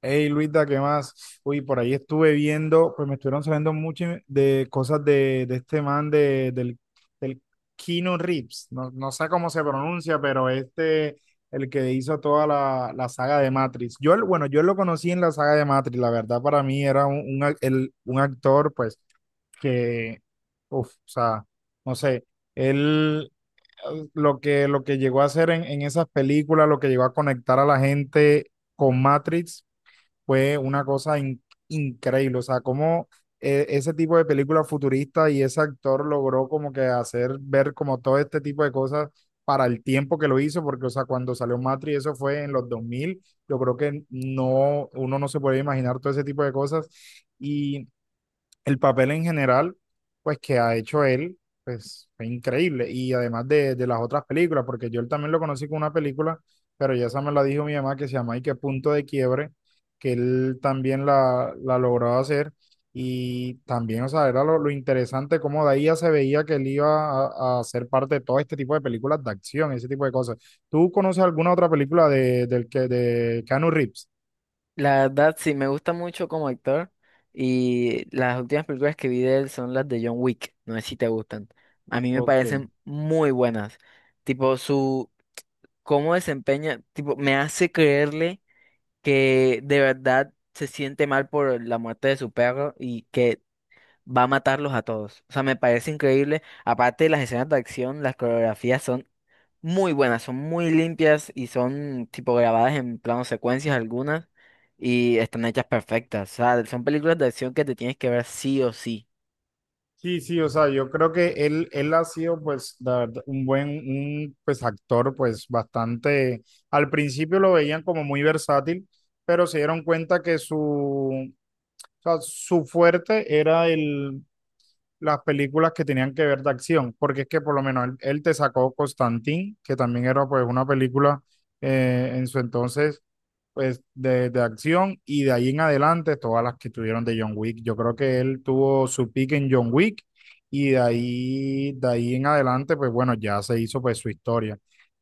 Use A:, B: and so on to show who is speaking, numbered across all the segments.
A: Hey Luisa, ¿qué más? Uy, por ahí estuve viendo, pues me estuvieron saliendo mucho de cosas de este man del Keanu Reeves. No, no sé cómo se pronuncia, el que hizo toda la saga de Matrix. Bueno, yo lo conocí en la saga de Matrix, la verdad para mí era un actor, pues, que, uff, o sea, no sé, él, lo que llegó a hacer en esas películas, lo que llegó a conectar a la gente con Matrix fue una cosa increíble. O sea, cómo ese tipo de película futurista y ese actor logró como que hacer ver como todo este tipo de cosas para el tiempo que lo hizo, porque, o sea, cuando salió Matrix, eso fue en los 2000, yo creo que no, uno no se puede imaginar todo ese tipo de cosas. Y el papel en general, pues que ha hecho él, pues fue increíble. Y además de las otras películas, porque yo él también lo conocí con una película, pero ya esa me la dijo mi mamá que se llama Y qué punto de quiebre, que él también la logró hacer. Y también, o sea, era lo interesante cómo de ahí ya se veía que él iba a ser parte de todo este tipo de películas de acción, ese tipo de cosas. ¿Tú conoces alguna otra película de Keanu Reeves?
B: La verdad, sí, me gusta mucho como actor y las últimas películas que vi de él son las de John Wick, no sé si te gustan. A mí me
A: Ok.
B: parecen muy buenas. Tipo, su cómo desempeña, tipo, me hace creerle que de verdad se siente mal por la muerte de su perro y que va a matarlos a todos. O sea, me parece increíble. Aparte, las escenas de acción, las coreografías son muy buenas, son muy limpias y son tipo grabadas en plano secuencias algunas y están hechas perfectas. O sea, son películas de acción que te tienes que ver sí o sí.
A: Sí, sí, o sea, yo creo que él ha sido, pues, la verdad, un buen, pues, actor, pues, bastante, al principio lo veían como muy versátil, pero se dieron cuenta que o sea, su fuerte era las películas que tenían que ver de acción, porque es que por lo menos él, él te sacó Constantine, que también era pues una película en su entonces pues de acción y de ahí en adelante todas las que tuvieron de John Wick. Yo creo que él tuvo su pick en John Wick y de ahí en adelante pues bueno, ya se hizo pues su historia.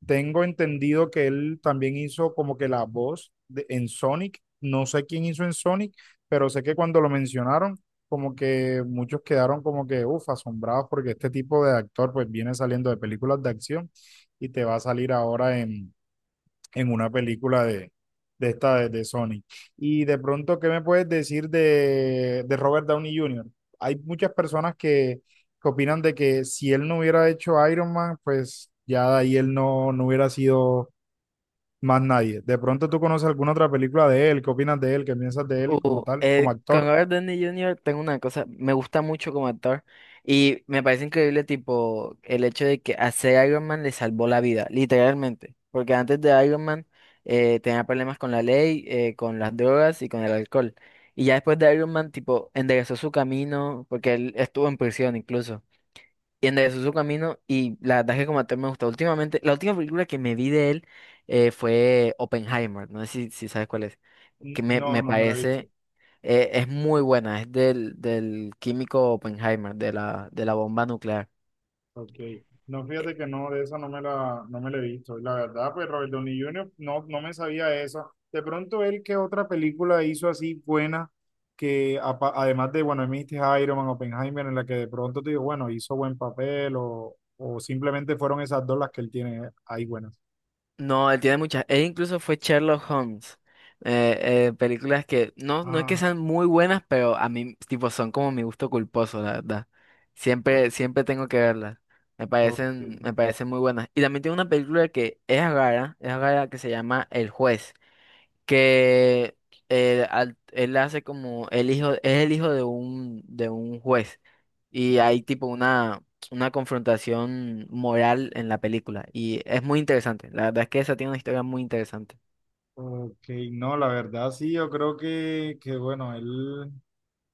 A: Tengo entendido que él también hizo como que la voz en Sonic, no sé quién hizo en Sonic, pero sé que cuando lo mencionaron como que muchos quedaron como que, uff, asombrados porque este tipo de actor pues viene saliendo de películas de acción y te va a salir ahora en una película de esta de Sony. Y de pronto, ¿qué me puedes decir de Robert Downey Jr.? Hay muchas personas que opinan de que si él no hubiera hecho Iron Man, pues ya de ahí él no hubiera sido más nadie. De pronto tú conoces alguna otra película de él, ¿qué opinas de él? ¿Qué piensas de él como tal, como
B: Con
A: actor?
B: Robert Downey Jr. tengo una cosa, me gusta mucho como actor y me parece increíble tipo el hecho de que hacer Iron Man le salvó la vida, literalmente, porque antes de Iron Man tenía problemas con la ley, con las drogas y con el alcohol. Y ya después de Iron Man, tipo, enderezó su camino, porque él estuvo en prisión incluso. Y enderezó su camino y la verdad es que como actor me gustó. Últimamente, la última película que me vi de él fue Oppenheimer, no sé si sabes cuál es, que
A: No,
B: me
A: no me la he visto.
B: parece, es muy buena, es del químico Oppenheimer, de de la bomba nuclear.
A: Ok, no fíjate que no, de esa no me la he visto. Y la verdad, pues Robert Downey Junior no me sabía esa. De pronto él, ¿qué otra película hizo así buena? Que apa- además de, bueno, me dijiste Iron Man, Oppenheimer, en la que de pronto te digo, bueno, hizo buen papel o simplemente fueron esas dos las que él tiene ahí buenas.
B: No, él tiene muchas. Él incluso fue Sherlock Holmes. Películas que no, no es que
A: Ah,
B: sean muy buenas, pero a mí, tipo, son como mi gusto culposo, la verdad.
A: o-
B: Siempre, siempre tengo que verlas.
A: ok,
B: Me parecen muy buenas. Y también tiene una película que es rara, que se llama El Juez, que él hace como el hijo, es el hijo de un juez y
A: ok,
B: hay tipo una confrontación moral en la película y es muy interesante. La verdad es que esa tiene una historia muy interesante.
A: ok. No, la verdad sí, yo creo que bueno, él.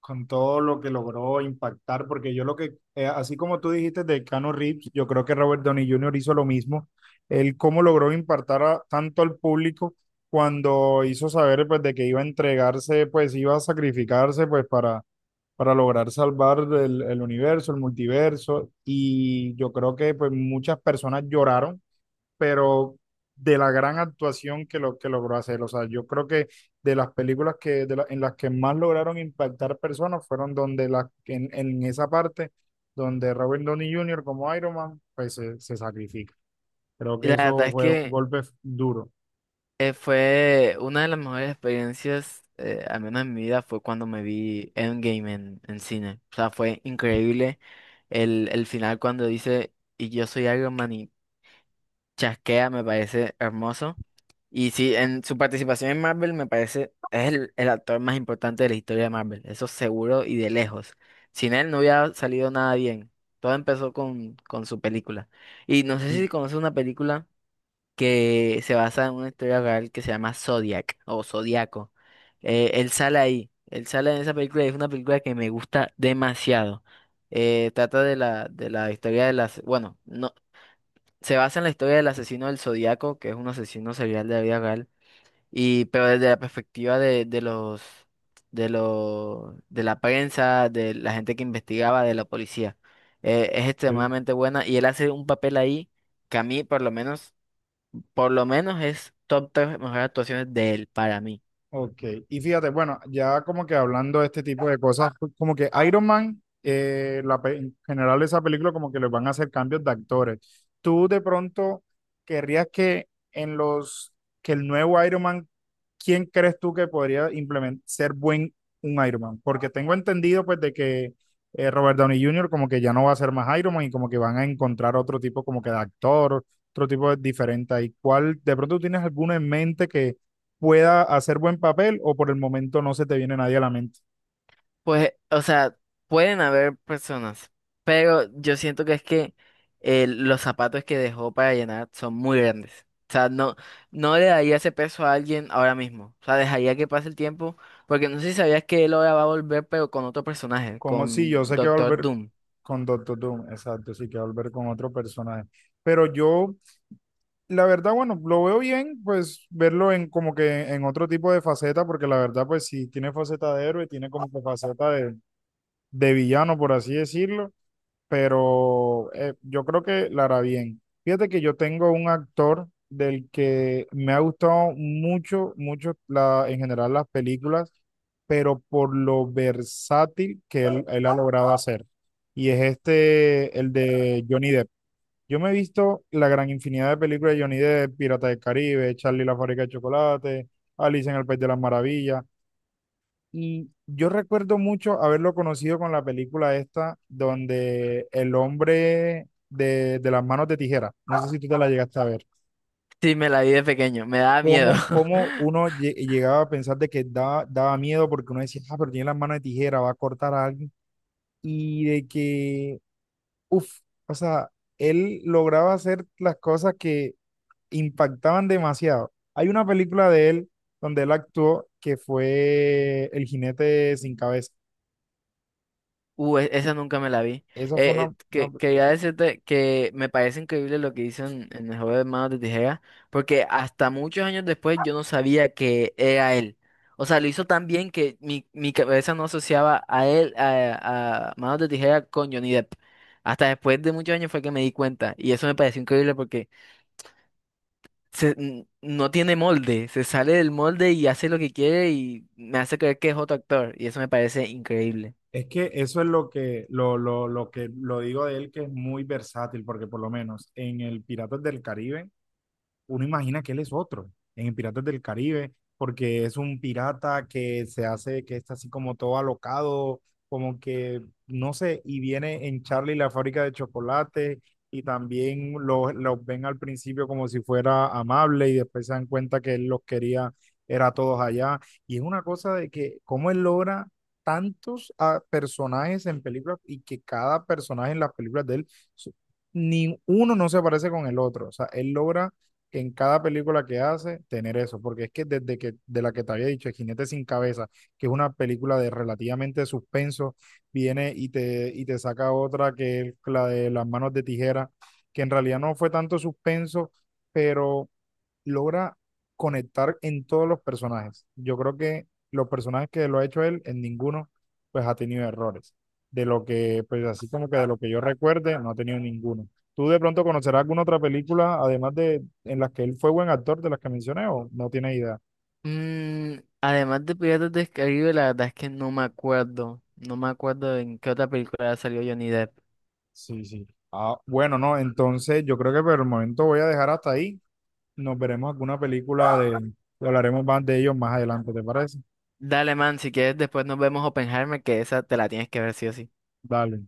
A: Con todo lo que logró impactar, porque yo lo que, así como tú dijiste de Cano Reeves, yo creo que Robert Downey Jr. hizo lo mismo, él cómo logró impactar tanto al público cuando hizo saber pues de que iba a entregarse, pues iba a sacrificarse pues para lograr salvar el universo, el multiverso, y yo creo que pues muchas personas lloraron, pero de la gran actuación que logró hacer. O sea, yo creo que de las películas que, en las que más lograron impactar personas fueron donde las en esa parte donde Robert Downey Jr. como Iron Man, pues se sacrifica. Creo
B: Y
A: que
B: la
A: eso
B: verdad es
A: fue un
B: que
A: golpe duro.
B: fue una de las mejores experiencias, al menos en mi vida, fue cuando me vi Endgame en cine. O sea, fue increíble el final cuando dice, y yo soy Iron Man. Chasquea me parece hermoso. Y sí, en su participación en Marvel me parece es el actor más importante de la historia de Marvel, eso seguro y de lejos. Sin él no hubiera salido nada bien. Todo empezó con su película. Y no sé si conoces una película que se basa en una historia real que se llama Zodiac o Zodiaco. Él sale ahí, él sale en esa película y es una película que me gusta demasiado. Trata de la historia de las, bueno, no, se basa en la historia del asesino del Zodíaco, que es un asesino serial de la vida real, y, pero desde la perspectiva de los, de los, de la prensa, de la gente que investigaba, de la policía. Es extremadamente buena y él hace un papel ahí que a mí, por lo menos es top tres mejores actuaciones de él para mí.
A: Ok, y fíjate, bueno, ya como que hablando de este tipo de cosas, pues, como que Iron Man, en general esa película como que les van a hacer cambios de actores. ¿Tú de pronto querrías que que el nuevo Iron Man, quién crees tú que podría implementar, ser buen un Iron Man? Porque tengo entendido pues de que Robert Downey Jr. como que ya no va a ser más Iron Man y como que van a encontrar otro tipo como que de actor, otro tipo de diferente ahí. ¿Cuál, de pronto tú tienes alguno en mente pueda hacer buen papel o por el momento no se te viene nadie a la mente?
B: Pues, o sea, pueden haber personas, pero yo siento que es que los zapatos que dejó para llenar son muy grandes. O sea, no, no le daría ese peso a alguien ahora mismo. O sea, dejaría que pase el tiempo, porque no sé si sabías que él ahora va a volver, pero con otro personaje,
A: Con, sí,
B: con
A: yo sé que va a
B: Doctor
A: volver
B: Doom.
A: con Doctor Doom, exacto, sí que va a volver con otro personaje. Pero yo, la verdad, bueno, lo veo bien, pues verlo en como que en otro tipo de faceta, porque la verdad, pues sí, tiene faceta de héroe, tiene como que faceta de villano, por así decirlo. Pero yo creo que la hará bien. Fíjate que yo tengo un actor del que me ha gustado mucho, mucho en general las películas, pero por lo versátil que él ha logrado hacer. Y es este, el de Johnny Depp. Yo me he visto la gran infinidad de películas de Johnny Depp, Pirata del Caribe, Charlie y la fábrica de chocolate, Alicia en el País de las Maravillas. Y yo recuerdo mucho haberlo conocido con la película esta, donde el hombre de las manos de tijera, no sé si tú te la llegaste a ver,
B: Sí, me la vi de pequeño, me daba miedo.
A: cómo uno llegaba a pensar de que daba miedo porque uno decía, ah, pero tiene las manos de tijera, va a cortar a alguien, y de que, uff, o sea, él lograba hacer las cosas que impactaban demasiado. Hay una película de él donde él actuó que fue El jinete sin cabeza.
B: Esa nunca me la vi.
A: Esa fue una-
B: Quería decirte que me parece increíble lo que hizo en el juego de Manos de Tijera, porque hasta muchos años después yo no sabía que era él. O sea, lo hizo tan bien que mi cabeza no asociaba a él, a Manos de Tijera con Johnny Depp. Hasta después de muchos años fue que me di cuenta. Y eso me pareció increíble porque no tiene molde, se sale del molde y hace lo que quiere y me hace creer que es otro actor. Y eso me parece increíble.
A: Es que eso es lo que lo que lo digo de él, que es muy versátil, porque por lo menos en el Piratas del Caribe, uno imagina que él es otro en Piratas del Caribe, porque es un pirata que se hace, que está así como todo alocado, como que, no sé, y viene en Charlie la fábrica de chocolate y también los lo ven al principio como si fuera amable y después se dan cuenta que él los quería, era a todos allá. Y es una cosa de que cómo él logra tantos ah, personajes en películas y que cada personaje en las películas de él, su- ni uno no se parece con el otro. O sea, él logra en cada película que hace tener eso, porque es que desde que de la que te había dicho, El Jinete sin Cabeza, que es una película de relativamente suspenso, viene y y te saca otra que es la de Las manos de tijera, que en realidad no fue tanto suspenso, pero logra conectar en todos los personajes. Yo creo que los personajes que lo ha hecho él, en ninguno, pues ha tenido errores. De lo que, pues así como que de lo que yo recuerde, no ha tenido ninguno. ¿Tú de pronto conocerás alguna otra película, además de, en las que él fue buen actor de las que mencioné o no tiene idea?
B: Mm, además de Piratas del Caribe, la verdad es que no me acuerdo. No me acuerdo en qué otra película salió Johnny Depp.
A: Sí, sí. Ah, bueno, no, entonces yo creo que por el momento voy a dejar hasta ahí. Nos veremos alguna película de, y hablaremos más de ellos más adelante, ¿te parece?
B: Dale, man, si quieres después nos vemos Oppenheimer, que esa te la tienes que ver sí o sí.
A: Dale.